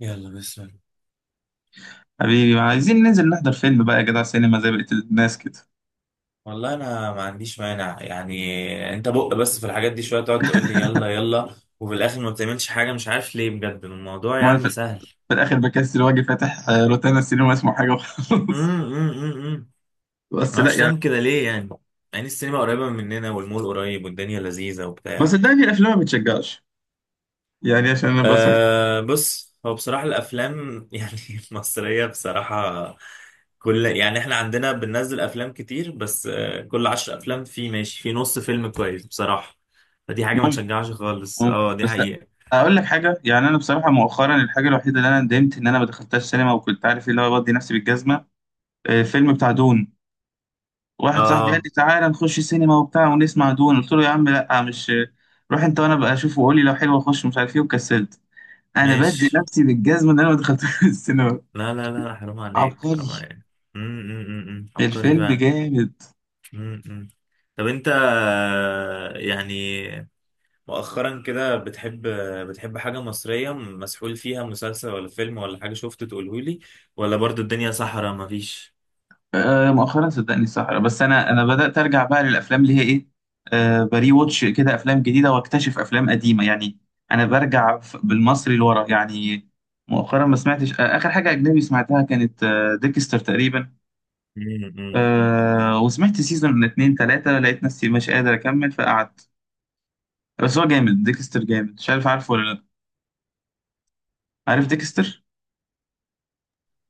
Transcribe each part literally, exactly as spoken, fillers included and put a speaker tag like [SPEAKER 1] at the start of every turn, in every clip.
[SPEAKER 1] يلا بسم الله.
[SPEAKER 2] حبيبي، ما عايزين ننزل نحضر فيلم بقى يا جدع؟ سينما زي بقية الناس كده.
[SPEAKER 1] والله انا ما عنديش مانع، يعني انت بق، بس في الحاجات دي شويه تقعد تقول لي يلا يلا وفي الاخر ما بتعملش حاجه. مش عارف ليه بجد، الموضوع
[SPEAKER 2] ما أنا في
[SPEAKER 1] يعني سهل.
[SPEAKER 2] في الآخر بكسل وأجي فاتح، آه، روتانا السينما اسمه حاجة وخلاص.
[SPEAKER 1] امم، امم، امم. ما
[SPEAKER 2] بس لا
[SPEAKER 1] اعرفش
[SPEAKER 2] يعني.
[SPEAKER 1] تعمل كده ليه، يعني. يعني السينما قريبه مننا والمول قريب والدنيا لذيذه
[SPEAKER 2] بس
[SPEAKER 1] وبتاع.
[SPEAKER 2] صدقني الأفلام ما بتشجعش، يعني عشان أنا بس.
[SPEAKER 1] أه، بص، هو بصراحة الأفلام يعني المصرية بصراحة، كل يعني احنا عندنا بننزل أفلام كتير بس أه كل عشر أفلام في ماشي في نص فيلم كويس بصراحة. فدي حاجة ما
[SPEAKER 2] ممكن
[SPEAKER 1] تشجعش خالص،
[SPEAKER 2] ممكن
[SPEAKER 1] اه دي
[SPEAKER 2] بس لا.
[SPEAKER 1] حقيقة.
[SPEAKER 2] أقول لك حاجة، يعني أنا بصراحة مؤخرا الحاجة الوحيدة اللي أنا ندمت إن أنا ما دخلتهاش سينما، وكنت عارف اللي هو بدي نفسي بالجزمة، آه، فيلم بتاع دون. واحد صاحبي قال
[SPEAKER 1] اه
[SPEAKER 2] لي تعالى نخش سينما وبتاع ونسمع دون، قلت له يا عم لا مش، روح أنت وأنا بقى أشوفه وقول لي لو حلو أخش مش عارف إيه، وكسلت. انا بدي
[SPEAKER 1] ماشي.
[SPEAKER 2] نفسي بالجزمه اللي انا ما دخلتها السينما.
[SPEAKER 1] لا لا لا، حرام عليك، حرام
[SPEAKER 2] عبقري.
[SPEAKER 1] عليك. أم، أم، أم، أم. عبقري
[SPEAKER 2] الفيلم
[SPEAKER 1] فعلا.
[SPEAKER 2] جامد.
[SPEAKER 1] أم، أم. طب انت، آه، يعني مؤخرا كده بتحب بتحب حاجة مصرية مسحول فيها، مسلسل ولا فيلم ولا حاجة شفته تقولهولي؟ ولا برضو الدنيا صحراء مفيش؟
[SPEAKER 2] آه مؤخرا صدقني صحرا، بس انا انا بدات ارجع بقى للافلام اللي هي ايه، آه بري واتش كده، افلام جديده واكتشف افلام قديمه يعني. انا برجع ف- بالمصري لورا يعني. مؤخرا ما سمعتش، آه اخر حاجه اجنبي سمعتها كانت آه ديكستر تقريبا.
[SPEAKER 1] مم، مم.
[SPEAKER 2] آه وسمعت سيزون من اتنين تلاته، لقيت نفسي مش قادر اكمل فقعدت. بس هو جامد، ديكستر جامد، مش عارف عارفه ولا لا. عارف ديكستر؟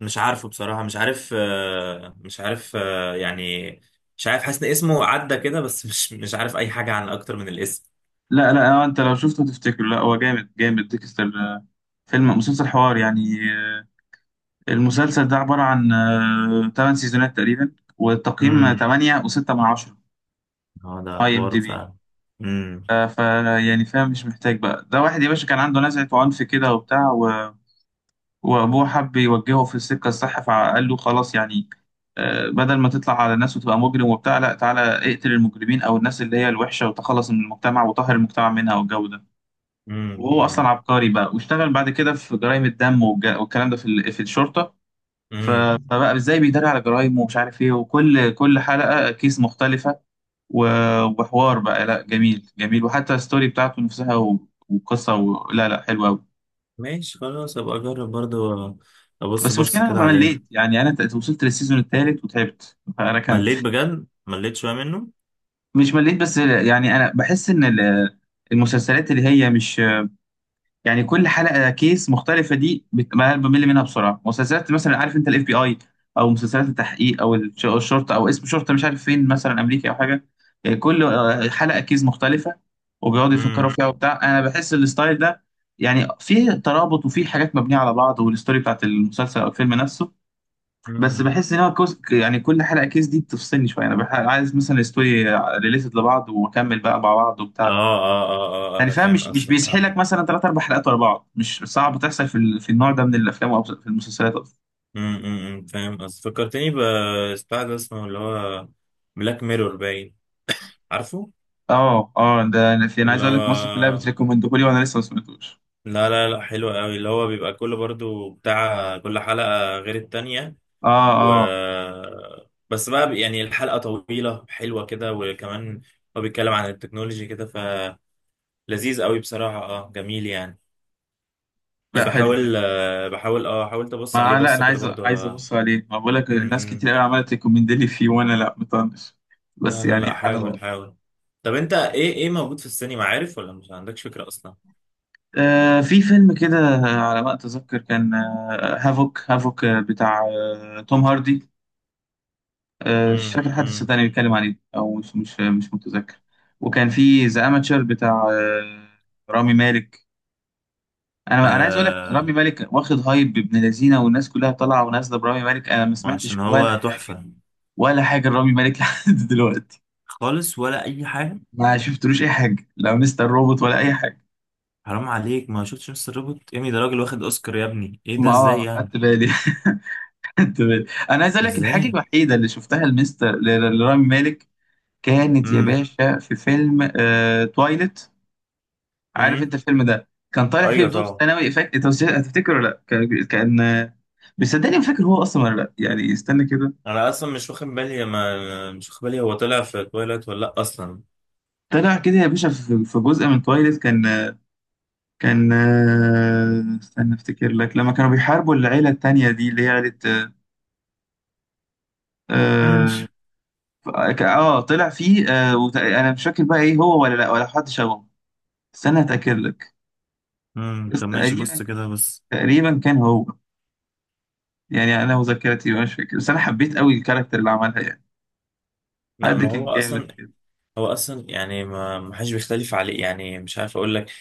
[SPEAKER 1] مش عارفه بصراحة. مش عارف آه، مش عارف، آه، يعني مش عارف، حاسس ان اسمه عدى كده بس مش مش عارف اي حاجة عن اكتر من الاسم.
[SPEAKER 2] لا لا، آه، انت لو شفته تفتكره. لا هو جامد جامد، ديكستر آه، فيلم مسلسل حوار يعني. آه، المسلسل ده عبارة عن ثمانية سيزونات تقريبا، والتقييم
[SPEAKER 1] امم.
[SPEAKER 2] تمانية و6 من عشرة،
[SPEAKER 1] اه ده
[SPEAKER 2] اي ام
[SPEAKER 1] حوار
[SPEAKER 2] دي بي.
[SPEAKER 1] فعلا. امم.
[SPEAKER 2] ف يعني فاهم، مش محتاج بقى. ده واحد يا باشا كان عنده نزعة عنف كده وبتاع، و... وابوه حب يوجهه في السكة الصح فقال له خلاص يعني، آه، بدل ما تطلع على الناس وتبقى مجرم وبتاع لا، تعالى اقتل المجرمين او الناس اللي هي الوحشة، وتخلص من المجتمع وطهر المجتمع منها والجو ده. وهو
[SPEAKER 1] امم،
[SPEAKER 2] اصلا عبقري بقى، واشتغل بعد كده في جرائم الدم والج- والكلام ده في ال- في الشرطه. ف-
[SPEAKER 1] امم.
[SPEAKER 2] فبقى ازاي بيداري على جرائم ومش عارف ايه، وكل كل حلقه كيس مختلفه، و- وحوار بقى لا، جميل جميل، وحتى الستوري بتاعته نفسها و- وقصه، و... لا لا، حلوه قوي.
[SPEAKER 1] ماشي خلاص، ابقى اجرب برضو. ابص
[SPEAKER 2] بس
[SPEAKER 1] بص
[SPEAKER 2] المشكله
[SPEAKER 1] كده
[SPEAKER 2] انا
[SPEAKER 1] عليه.
[SPEAKER 2] مليت، يعني انا ت- وصلت للسيزون الثالث وتعبت فركنت.
[SPEAKER 1] مليت بجد، مليت شوية منه.
[SPEAKER 2] مش مليت، بس يعني انا بحس ان ال- المسلسلات اللي هي مش، يعني كل حلقه كيس مختلفه دي بت- بمل منها بسرعه. مسلسلات مثلا عارف انت، الاف بي اي، او مسلسلات التحقيق، او الش- الشرطه، او اسم شرطه مش عارف فين مثلا، امريكي او حاجه، آه، كل آه، حلقه كيس مختلفه وبيقعدوا يفكروا فيها وبتاع. انا بحس الستايل ده يعني فيه ترابط، وفيه حاجات مبنيه على بعض والستوري بتاعت المسلسل او الفيلم نفسه. بس
[SPEAKER 1] امم.
[SPEAKER 2] بحس ان هو كوز، يعني كل حلقه كيس دي بتفصلني شويه، انا بح- عايز مثلا الستوري ريليتد لبعض واكمل بقى مع بعض
[SPEAKER 1] اه
[SPEAKER 2] وبتاع،
[SPEAKER 1] اه اه اه، آه،
[SPEAKER 2] يعني
[SPEAKER 1] انا
[SPEAKER 2] فاهم؟
[SPEAKER 1] فاهم
[SPEAKER 2] مش مش
[SPEAKER 1] قصدك، اه.
[SPEAKER 2] بيسحلك مثلا ثلاث اربع حلقات ورا بعض. مش صعب تحصل في ال... في النوع ده من الافلام او في المسلسلات اصلا.
[SPEAKER 1] أمم، أمم، أمم، فاهم قصدك. فكرتني ببتاع ده اسمه اللي هو بلاك ميرور، باين. عارفه؟
[SPEAKER 2] اه اه، ده انا في انا عايز
[SPEAKER 1] اللي
[SPEAKER 2] اقول
[SPEAKER 1] هو،
[SPEAKER 2] لك مصر كلها بتريكومندهولي، وانا لسه ما سمعتوش.
[SPEAKER 1] لا لا لا، حلو قوي. اللي هو بيبقى كل، برضو بتاع، كل حلقة غير التانية،
[SPEAKER 2] اه
[SPEAKER 1] و،
[SPEAKER 2] اه،
[SPEAKER 1] بس بقى بي- يعني الحلقة طويلة حلوة كده. وكمان هو بيتكلم عن التكنولوجي كده، فلذيذ قوي بصراحة، اه جميل يعني.
[SPEAKER 2] لا حلو.
[SPEAKER 1] بحاول آه، بحاول اه حاولت ابص عليه
[SPEAKER 2] ما لا انا
[SPEAKER 1] بصة كده
[SPEAKER 2] عايز
[SPEAKER 1] برضو،
[SPEAKER 2] عايز
[SPEAKER 1] آه.
[SPEAKER 2] ابص عليه، ما بقول لك
[SPEAKER 1] أمم،
[SPEAKER 2] ناس
[SPEAKER 1] أمم.
[SPEAKER 2] كتير قوي عملت ريكومند لي فيه وانا لا مطنش، بس
[SPEAKER 1] لا لا
[SPEAKER 2] يعني
[SPEAKER 1] لا،
[SPEAKER 2] سبحان
[SPEAKER 1] حاول،
[SPEAKER 2] الله.
[SPEAKER 1] حاول. طب انت ايه ايه موجود في السينما؟ عارف ولا مش عندكش فكرة اصلا؟
[SPEAKER 2] آه في فيلم كده على ما اتذكر كان، آه هافوك هافوك، آه، بتاع آه توم هاردي. آه، مش
[SPEAKER 1] امم،
[SPEAKER 2] فاكر حد
[SPEAKER 1] امم.
[SPEAKER 2] صدقني بيتكلم عليه، او مش مش مش متذكر. وكان في ذا اماتشر بتاع آه، رامي مالك. انا انا عايز اقول لك رامي
[SPEAKER 1] آه،
[SPEAKER 2] مالك واخد هايب ابن لذينه، والناس كلها طالعه ونازله برامي مالك، انا ما
[SPEAKER 1] ما
[SPEAKER 2] سمعتش
[SPEAKER 1] عشان
[SPEAKER 2] ولا
[SPEAKER 1] هو
[SPEAKER 2] حاجه،
[SPEAKER 1] تحفة
[SPEAKER 2] ولا حاجه لرامي مالك لحد دلوقتي.
[SPEAKER 1] خالص، ولا اي حاجة.
[SPEAKER 2] ما شفتلوش اي حاجه، لا مستر روبوت ولا اي حاجه.
[SPEAKER 1] حرام عليك، ما شفتش مستر روبوت؟ ايمي ده، راجل واخد اوسكار يا ابني، ايه ده،
[SPEAKER 2] ما
[SPEAKER 1] ازاي
[SPEAKER 2] اه، خدت
[SPEAKER 1] يعني؟
[SPEAKER 2] بالي، خدت بالي. انا عايز اقول لك الحاجه
[SPEAKER 1] ازاي؟
[SPEAKER 2] الوحيده اللي شفتها لمستر ل- ل- لرامي مالك، كانت يا
[SPEAKER 1] امم،
[SPEAKER 2] باشا في فيلم، آه، تويلت. عارف
[SPEAKER 1] امم.
[SPEAKER 2] انت الفيلم ده كان طالع فيه
[SPEAKER 1] ايوه
[SPEAKER 2] بدور
[SPEAKER 1] طبعا.
[SPEAKER 2] ثانوي؟ فاكر انت مش- هتفتكر ولا لا؟ كان كان- بس صدقني ما فاكر هو اصلا ولا لا يعني، استنى كده.
[SPEAKER 1] انا اصلا مش واخد بالي، ما مش واخد بالي، هو طلع في تويلايت ولا لا اصلا؟
[SPEAKER 2] طلع كده يا باشا في في جزء من تويلت كان. كان استنى افتكر لك. لما كانوا بيحاربوا العيله التانيه دي اللي هي عيله، اه،
[SPEAKER 1] ماشي.
[SPEAKER 2] ك- اه، طلع فيه اه، وت- انا مش فاكر بقى ايه هو ولا لا، ولا حد شبهه. استنى اتاكد لك.
[SPEAKER 1] امم.
[SPEAKER 2] بس
[SPEAKER 1] طب ماشي، بص
[SPEAKER 2] تقريبا،
[SPEAKER 1] كده بس.
[SPEAKER 2] تقريبا كان هو، يعني انا وذاكرتي مش فاكر، بس انا حبيت قوي الكاركتر اللي عملها يعني.
[SPEAKER 1] لا
[SPEAKER 2] حد
[SPEAKER 1] ما هو
[SPEAKER 2] كان جامد
[SPEAKER 1] اصلا،
[SPEAKER 2] كده.
[SPEAKER 1] هو اصلا يعني ما ما حدش بيختلف عليه. يعني مش عارف اقول لك،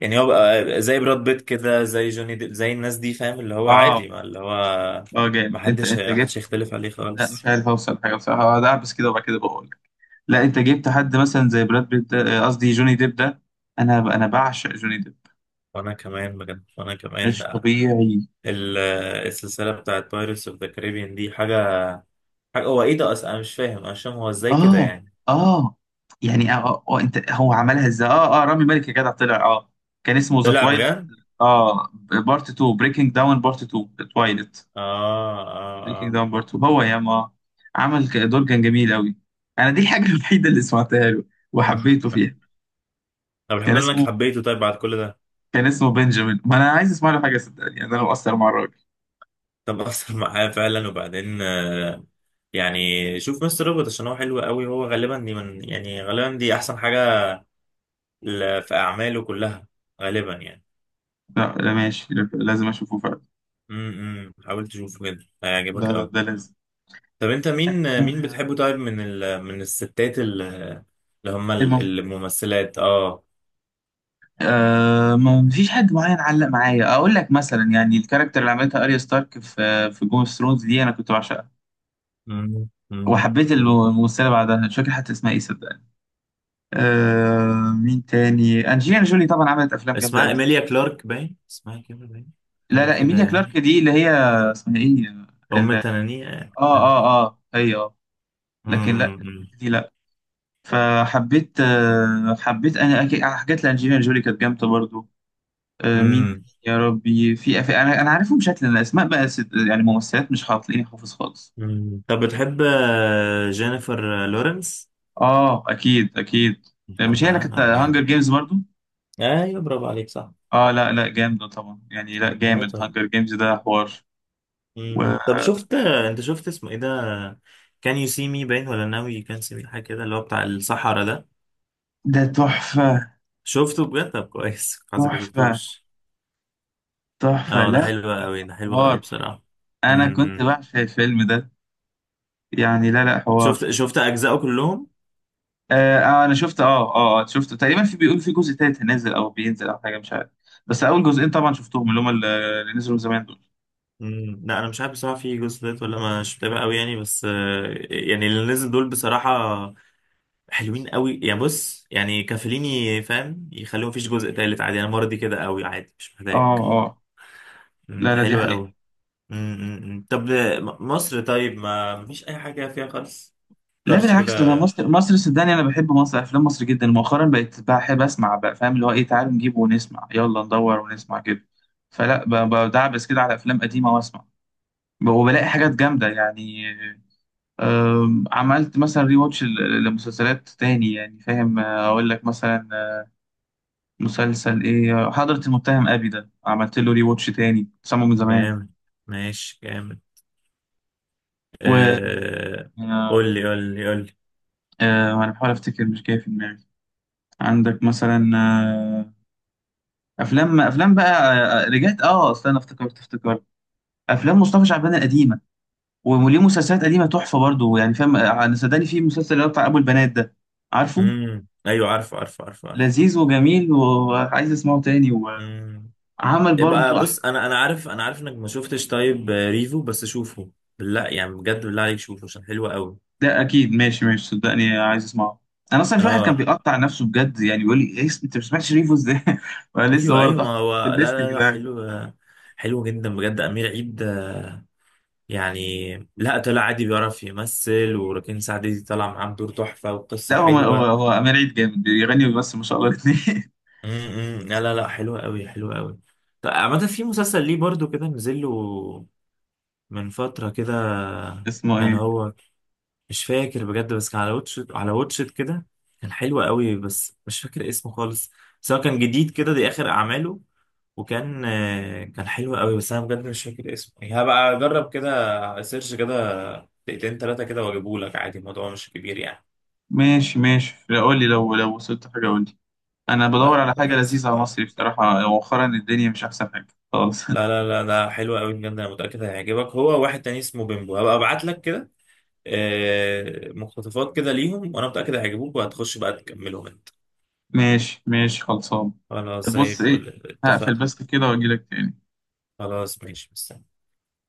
[SPEAKER 1] يعني هو بقى زي براد بيت كده، زي جوني ديب، زي الناس دي، فاهم؟ اللي هو
[SPEAKER 2] اه
[SPEAKER 1] عادي، ما اللي هو،
[SPEAKER 2] اه،
[SPEAKER 1] ما
[SPEAKER 2] جامد، انت
[SPEAKER 1] حدش
[SPEAKER 2] انت
[SPEAKER 1] حدش
[SPEAKER 2] جبت.
[SPEAKER 1] يختلف عليه
[SPEAKER 2] لا مش
[SPEAKER 1] خالص.
[SPEAKER 2] عارف اوصل حاجه بصراحه، هقعد اعبس كده وبعد كده بقول لك. لا انت جبت حد مثلا زي براد بيت ده- آه، قصدي جوني ديب ده. انا انا بعشق جوني ديب
[SPEAKER 1] وانا كمان بجد، وانا كمان.
[SPEAKER 2] مش طبيعي.
[SPEAKER 1] ال- السلسله بتاعت بايرتس اوف ذا كاريبيان دي، حاجه، حاجه، هو ايه ده اصلا؟ انا مش فاهم انا مش فاهم هو ازاي كده
[SPEAKER 2] اه
[SPEAKER 1] يعني.
[SPEAKER 2] اه يعني، اه اه، آه، انت هو عملها ازاي؟ اه اه، رامي مالك يا جدع طلع اه، كان اسمه ذا
[SPEAKER 1] طلع
[SPEAKER 2] تويلت
[SPEAKER 1] بجد.
[SPEAKER 2] اه، بارت تو بريكنج داون، بارت تو تويلت،
[SPEAKER 1] اه اه
[SPEAKER 2] بريكنج
[SPEAKER 1] اه.
[SPEAKER 2] داون بارت تو هو يا ما، عمل ك- دور كان جميل قوي. انا دي الحاجه الوحيده اللي سمعتها له وحبيته فيها.
[SPEAKER 1] طب
[SPEAKER 2] كان
[SPEAKER 1] الحمد لله انك
[SPEAKER 2] اسمه
[SPEAKER 1] حبيته طيب بعد كل ده.
[SPEAKER 2] كان اسمه بنجامين. ما انا عايز اسمع له حاجه صدقني، يعني انا مقصر مع الراجل.
[SPEAKER 1] طب اثر معايا فعلا. وبعدين آه، يعني شوف مستر روبوت عشان هو حلو قوي. هو غالبا دي، من يعني غالبا دي احسن حاجه ل- في أعماله كلها، غالبا يعني.
[SPEAKER 2] لا لا ماشي، لا- لازم اشوفه فعلا.
[SPEAKER 1] امم، حاول تشوفه كده هيعجبك
[SPEAKER 2] لا لا،
[SPEAKER 1] قوي.
[SPEAKER 2] ده لازم.
[SPEAKER 1] طب أنت مين مين
[SPEAKER 2] آه،
[SPEAKER 1] بتحبه؟ طيب من ال... من الستات، ال- اللي هم ال-
[SPEAKER 2] المهم،
[SPEAKER 1] الممثلات، اه.
[SPEAKER 2] آه ما ما فيش حد معين علق معايا. اقول لك مثلا يعني الكاركتر اللي عملتها اريا ستارك في في جيم اوف ثرونز دي انا كنت بعشقها،
[SPEAKER 1] مم. مم.
[SPEAKER 2] وحبيت الم-
[SPEAKER 1] مم.
[SPEAKER 2] الممثله بعدها، مش فاكر حتى اسمها ايه صدقني. آه مين تاني؟ انجلينا جولي طبعا عملت افلام جامده
[SPEAKER 1] اسمها
[SPEAKER 2] قوي.
[SPEAKER 1] إيميليا كلارك، باين اسمها كده، باين.
[SPEAKER 2] لا
[SPEAKER 1] حاجة
[SPEAKER 2] لا،
[SPEAKER 1] كده
[SPEAKER 2] ايميليا
[SPEAKER 1] يعني.
[SPEAKER 2] كلارك دي اللي هي، اسمها ايه، ال-
[SPEAKER 1] أم
[SPEAKER 2] اه
[SPEAKER 1] تنانية يعني. مم.
[SPEAKER 2] اه اه هي اه، لكن لا،
[SPEAKER 1] مم.
[SPEAKER 2] دي لا. فحبيت، آه، حبيت انا أكيد على حاجات لانجелينا جولي، كانت جامده برضو. آه، مين
[SPEAKER 1] مم.
[SPEAKER 2] تاني يا ربي؟ في أف... انا انا عارفهم شكلا، الاسماء بقى ست... يعني ممثلات مش هتلاقيني حافظ خالص.
[SPEAKER 1] مم. طب بتحب آه، جينيفر لورنس؟
[SPEAKER 2] اه، اكيد اكيد. آه، مش هي اللي
[SPEAKER 1] بتحبها؟
[SPEAKER 2] كانت
[SPEAKER 1] طب
[SPEAKER 2] هانجر
[SPEAKER 1] جامد.
[SPEAKER 2] جيمز برضو؟
[SPEAKER 1] ايوه، برافو عليك، صح.
[SPEAKER 2] اه لا لا، جامده طبعا يعني، لا
[SPEAKER 1] آه،
[SPEAKER 2] جامد،
[SPEAKER 1] طب.
[SPEAKER 2] هانجر جيمز ده حوار.
[SPEAKER 1] مم. طب شفت انت شفت اسمه ايه ده، كان يو سي مي باين، ولا ناوي يو كان سي مي، حاجه كده، اللي هو بتاع الصحراء ده؟
[SPEAKER 2] وده تحفه،
[SPEAKER 1] شفته بجد؟ طب كويس حاسسك ما
[SPEAKER 2] تحفه
[SPEAKER 1] شفتوش.
[SPEAKER 2] تحفه،
[SPEAKER 1] اه ده
[SPEAKER 2] لا
[SPEAKER 1] حلو قوي، ده حلو قوي
[SPEAKER 2] حوار.
[SPEAKER 1] بصراحه.
[SPEAKER 2] انا كنت
[SPEAKER 1] امم.
[SPEAKER 2] بعشق الفيلم ده، يعني لا لا، حوار.
[SPEAKER 1] شفت شفت اجزائه كلهم؟
[SPEAKER 2] آه آه، انا شفت اه اه، آه، شفت تقريبا، في بيقول في جزء تالت هينزل او بينزل او حاجه مش عارف، بس اول جزئين طبعا شفتهم اللي هم اللي اللي نزلوا من زمان دول.
[SPEAKER 1] امم. لا انا مش عارف بصراحه في جزء تالت ولا، ما مش متابع قوي يعني، بس آه، يعني اللي نزل دول بصراحه حلوين قوي يعني. بص يعني كافليني، فاهم؟ يخليهم، مفيش جزء تالت عادي، انا مرضي كده قوي عادي، مش
[SPEAKER 2] اه
[SPEAKER 1] محتاج.
[SPEAKER 2] اه،
[SPEAKER 1] مم،
[SPEAKER 2] لا لا، دي
[SPEAKER 1] حلوه
[SPEAKER 2] حقيقه.
[SPEAKER 1] قوي. امم. أمم. طب م- مصر، طيب ما مفيش اي حاجه فيها خالص؟
[SPEAKER 2] لا
[SPEAKER 1] كرش
[SPEAKER 2] بالعكس، ده
[SPEAKER 1] كده.
[SPEAKER 2] مصر، مصر صدقني، انا بحب مصر، افلام مصر جدا، مؤخرا بقيت بحب اسمع بقى فاهم اللي هو ايه، تعالوا نجيبه ونسمع يلا، ندور ونسمع كده. فلا ب- بدعبس كده على افلام قديمه واسمع، وبلاقي حاجات جامده يعني. آم، عملت مثلا ري واتش لمسلسلات تاني، يعني فاهم، آه، اقول لك مثلا مسلسل ايه، حضرة المتهم ابي ده عملت له ري واتش تاني سامه من زمان.
[SPEAKER 1] جامد، ماشي جامد.
[SPEAKER 2] و
[SPEAKER 1] آه...
[SPEAKER 2] آه،
[SPEAKER 1] قول لي، قول لي، قول لي.
[SPEAKER 2] آه، انا بحاول افتكر مش جاي في دماغي. عندك مثلا آه، افلام افلام بقى، آه، آه، رجعت اه، اصل انا افتكرت افتكرت افلام مصطفى شعبان القديمه. وليه مسلسلات قديمه تحفه برضو، يعني فاهم، آه، انا صدقني في مسلسل اللي هو بتاع ابو البنات ده، عارفه؟
[SPEAKER 1] امم، ايوه عارف، عارف، عارف، عارف.
[SPEAKER 2] لذيذ وجميل وعايز اسمعه تاني،
[SPEAKER 1] امم.
[SPEAKER 2] وعمل
[SPEAKER 1] يبقى
[SPEAKER 2] برضو.
[SPEAKER 1] بص، انا انا عارف، انا عارف انك ما شفتش طيب آه، ريفو، بس شوفه بالله يعني، بجد بالله عليك شوفه عشان حلو قوي.
[SPEAKER 2] ده اكيد، ماشي ماشي، صدقني عايز اسمعه. انا اصلا في واحد كان
[SPEAKER 1] اه،
[SPEAKER 2] بيقطع نفسه بجد، يعني بيقول لي ايه اسم- انت ما سمعتش ريفو ازاي، وانا لسه
[SPEAKER 1] ايوه
[SPEAKER 2] برضه
[SPEAKER 1] ايوه.
[SPEAKER 2] حاطط
[SPEAKER 1] ما
[SPEAKER 2] في
[SPEAKER 1] هو لا
[SPEAKER 2] الليست
[SPEAKER 1] لا لا،
[SPEAKER 2] كده يعني.
[SPEAKER 1] حلو، آه، حلو جدا بجد. امير عيد، يعني لا طلع عادي، بيعرف يمثل. وركين سعدي دي طلع معاه بدور تحفة، وقصة
[SPEAKER 2] لا هو هو
[SPEAKER 1] حلوة.
[SPEAKER 2] هو امير عيد جامد، بيغني وبيمثل ما شاء الله الاثنين.
[SPEAKER 1] امم، لا لا لا، حلوة قوي، حلوة قوي. طب عامة في مسلسل ليه برضو كده نزل له من فترة كده،
[SPEAKER 2] اسمه
[SPEAKER 1] كان
[SPEAKER 2] ايه؟
[SPEAKER 1] هو، مش فاكر بجد، بس كان على واتشت، على واتشت كده. كان حلو قوي بس مش فاكر اسمه خالص. بس هو كان جديد كده، دي آخر أعماله. وكان آه، كان حلو قوي، بس انا بجد مش فاكر اسمه. هبقى اجرب كده سيرش كده دقيقتين تلاتة كده واجيبهولك عادي، الموضوع مش كبير يعني.
[SPEAKER 2] ماشي ماشي، لا، قول لي لو لو وصلت حاجه قول لي. انا بدور
[SPEAKER 1] طيب
[SPEAKER 2] على حاجه
[SPEAKER 1] خلاص،
[SPEAKER 2] لذيذه على مصري
[SPEAKER 1] حاضر.
[SPEAKER 2] بصراحه، مؤخرا الدنيا مش احسن حاجه خالص.
[SPEAKER 1] لا لا لا ده حلو قوي بجد، انا متاكد هيعجبك. هو واحد تاني اسمه بيمبو، هبقى ابعت لك كده آه، مقتطفات كده ليهم، وانا متاكد هيعجبوك، وهتخش بقى تكملهم انت.
[SPEAKER 2] ماشي ماشي، خلصان.
[SPEAKER 1] خلاص
[SPEAKER 2] طب
[SPEAKER 1] زي
[SPEAKER 2] بص ايه،
[SPEAKER 1] الفل،
[SPEAKER 2] هقفل
[SPEAKER 1] اتفقنا.
[SPEAKER 2] بس كده واجي لك تاني.
[SPEAKER 1] خلاص ماشي، بس.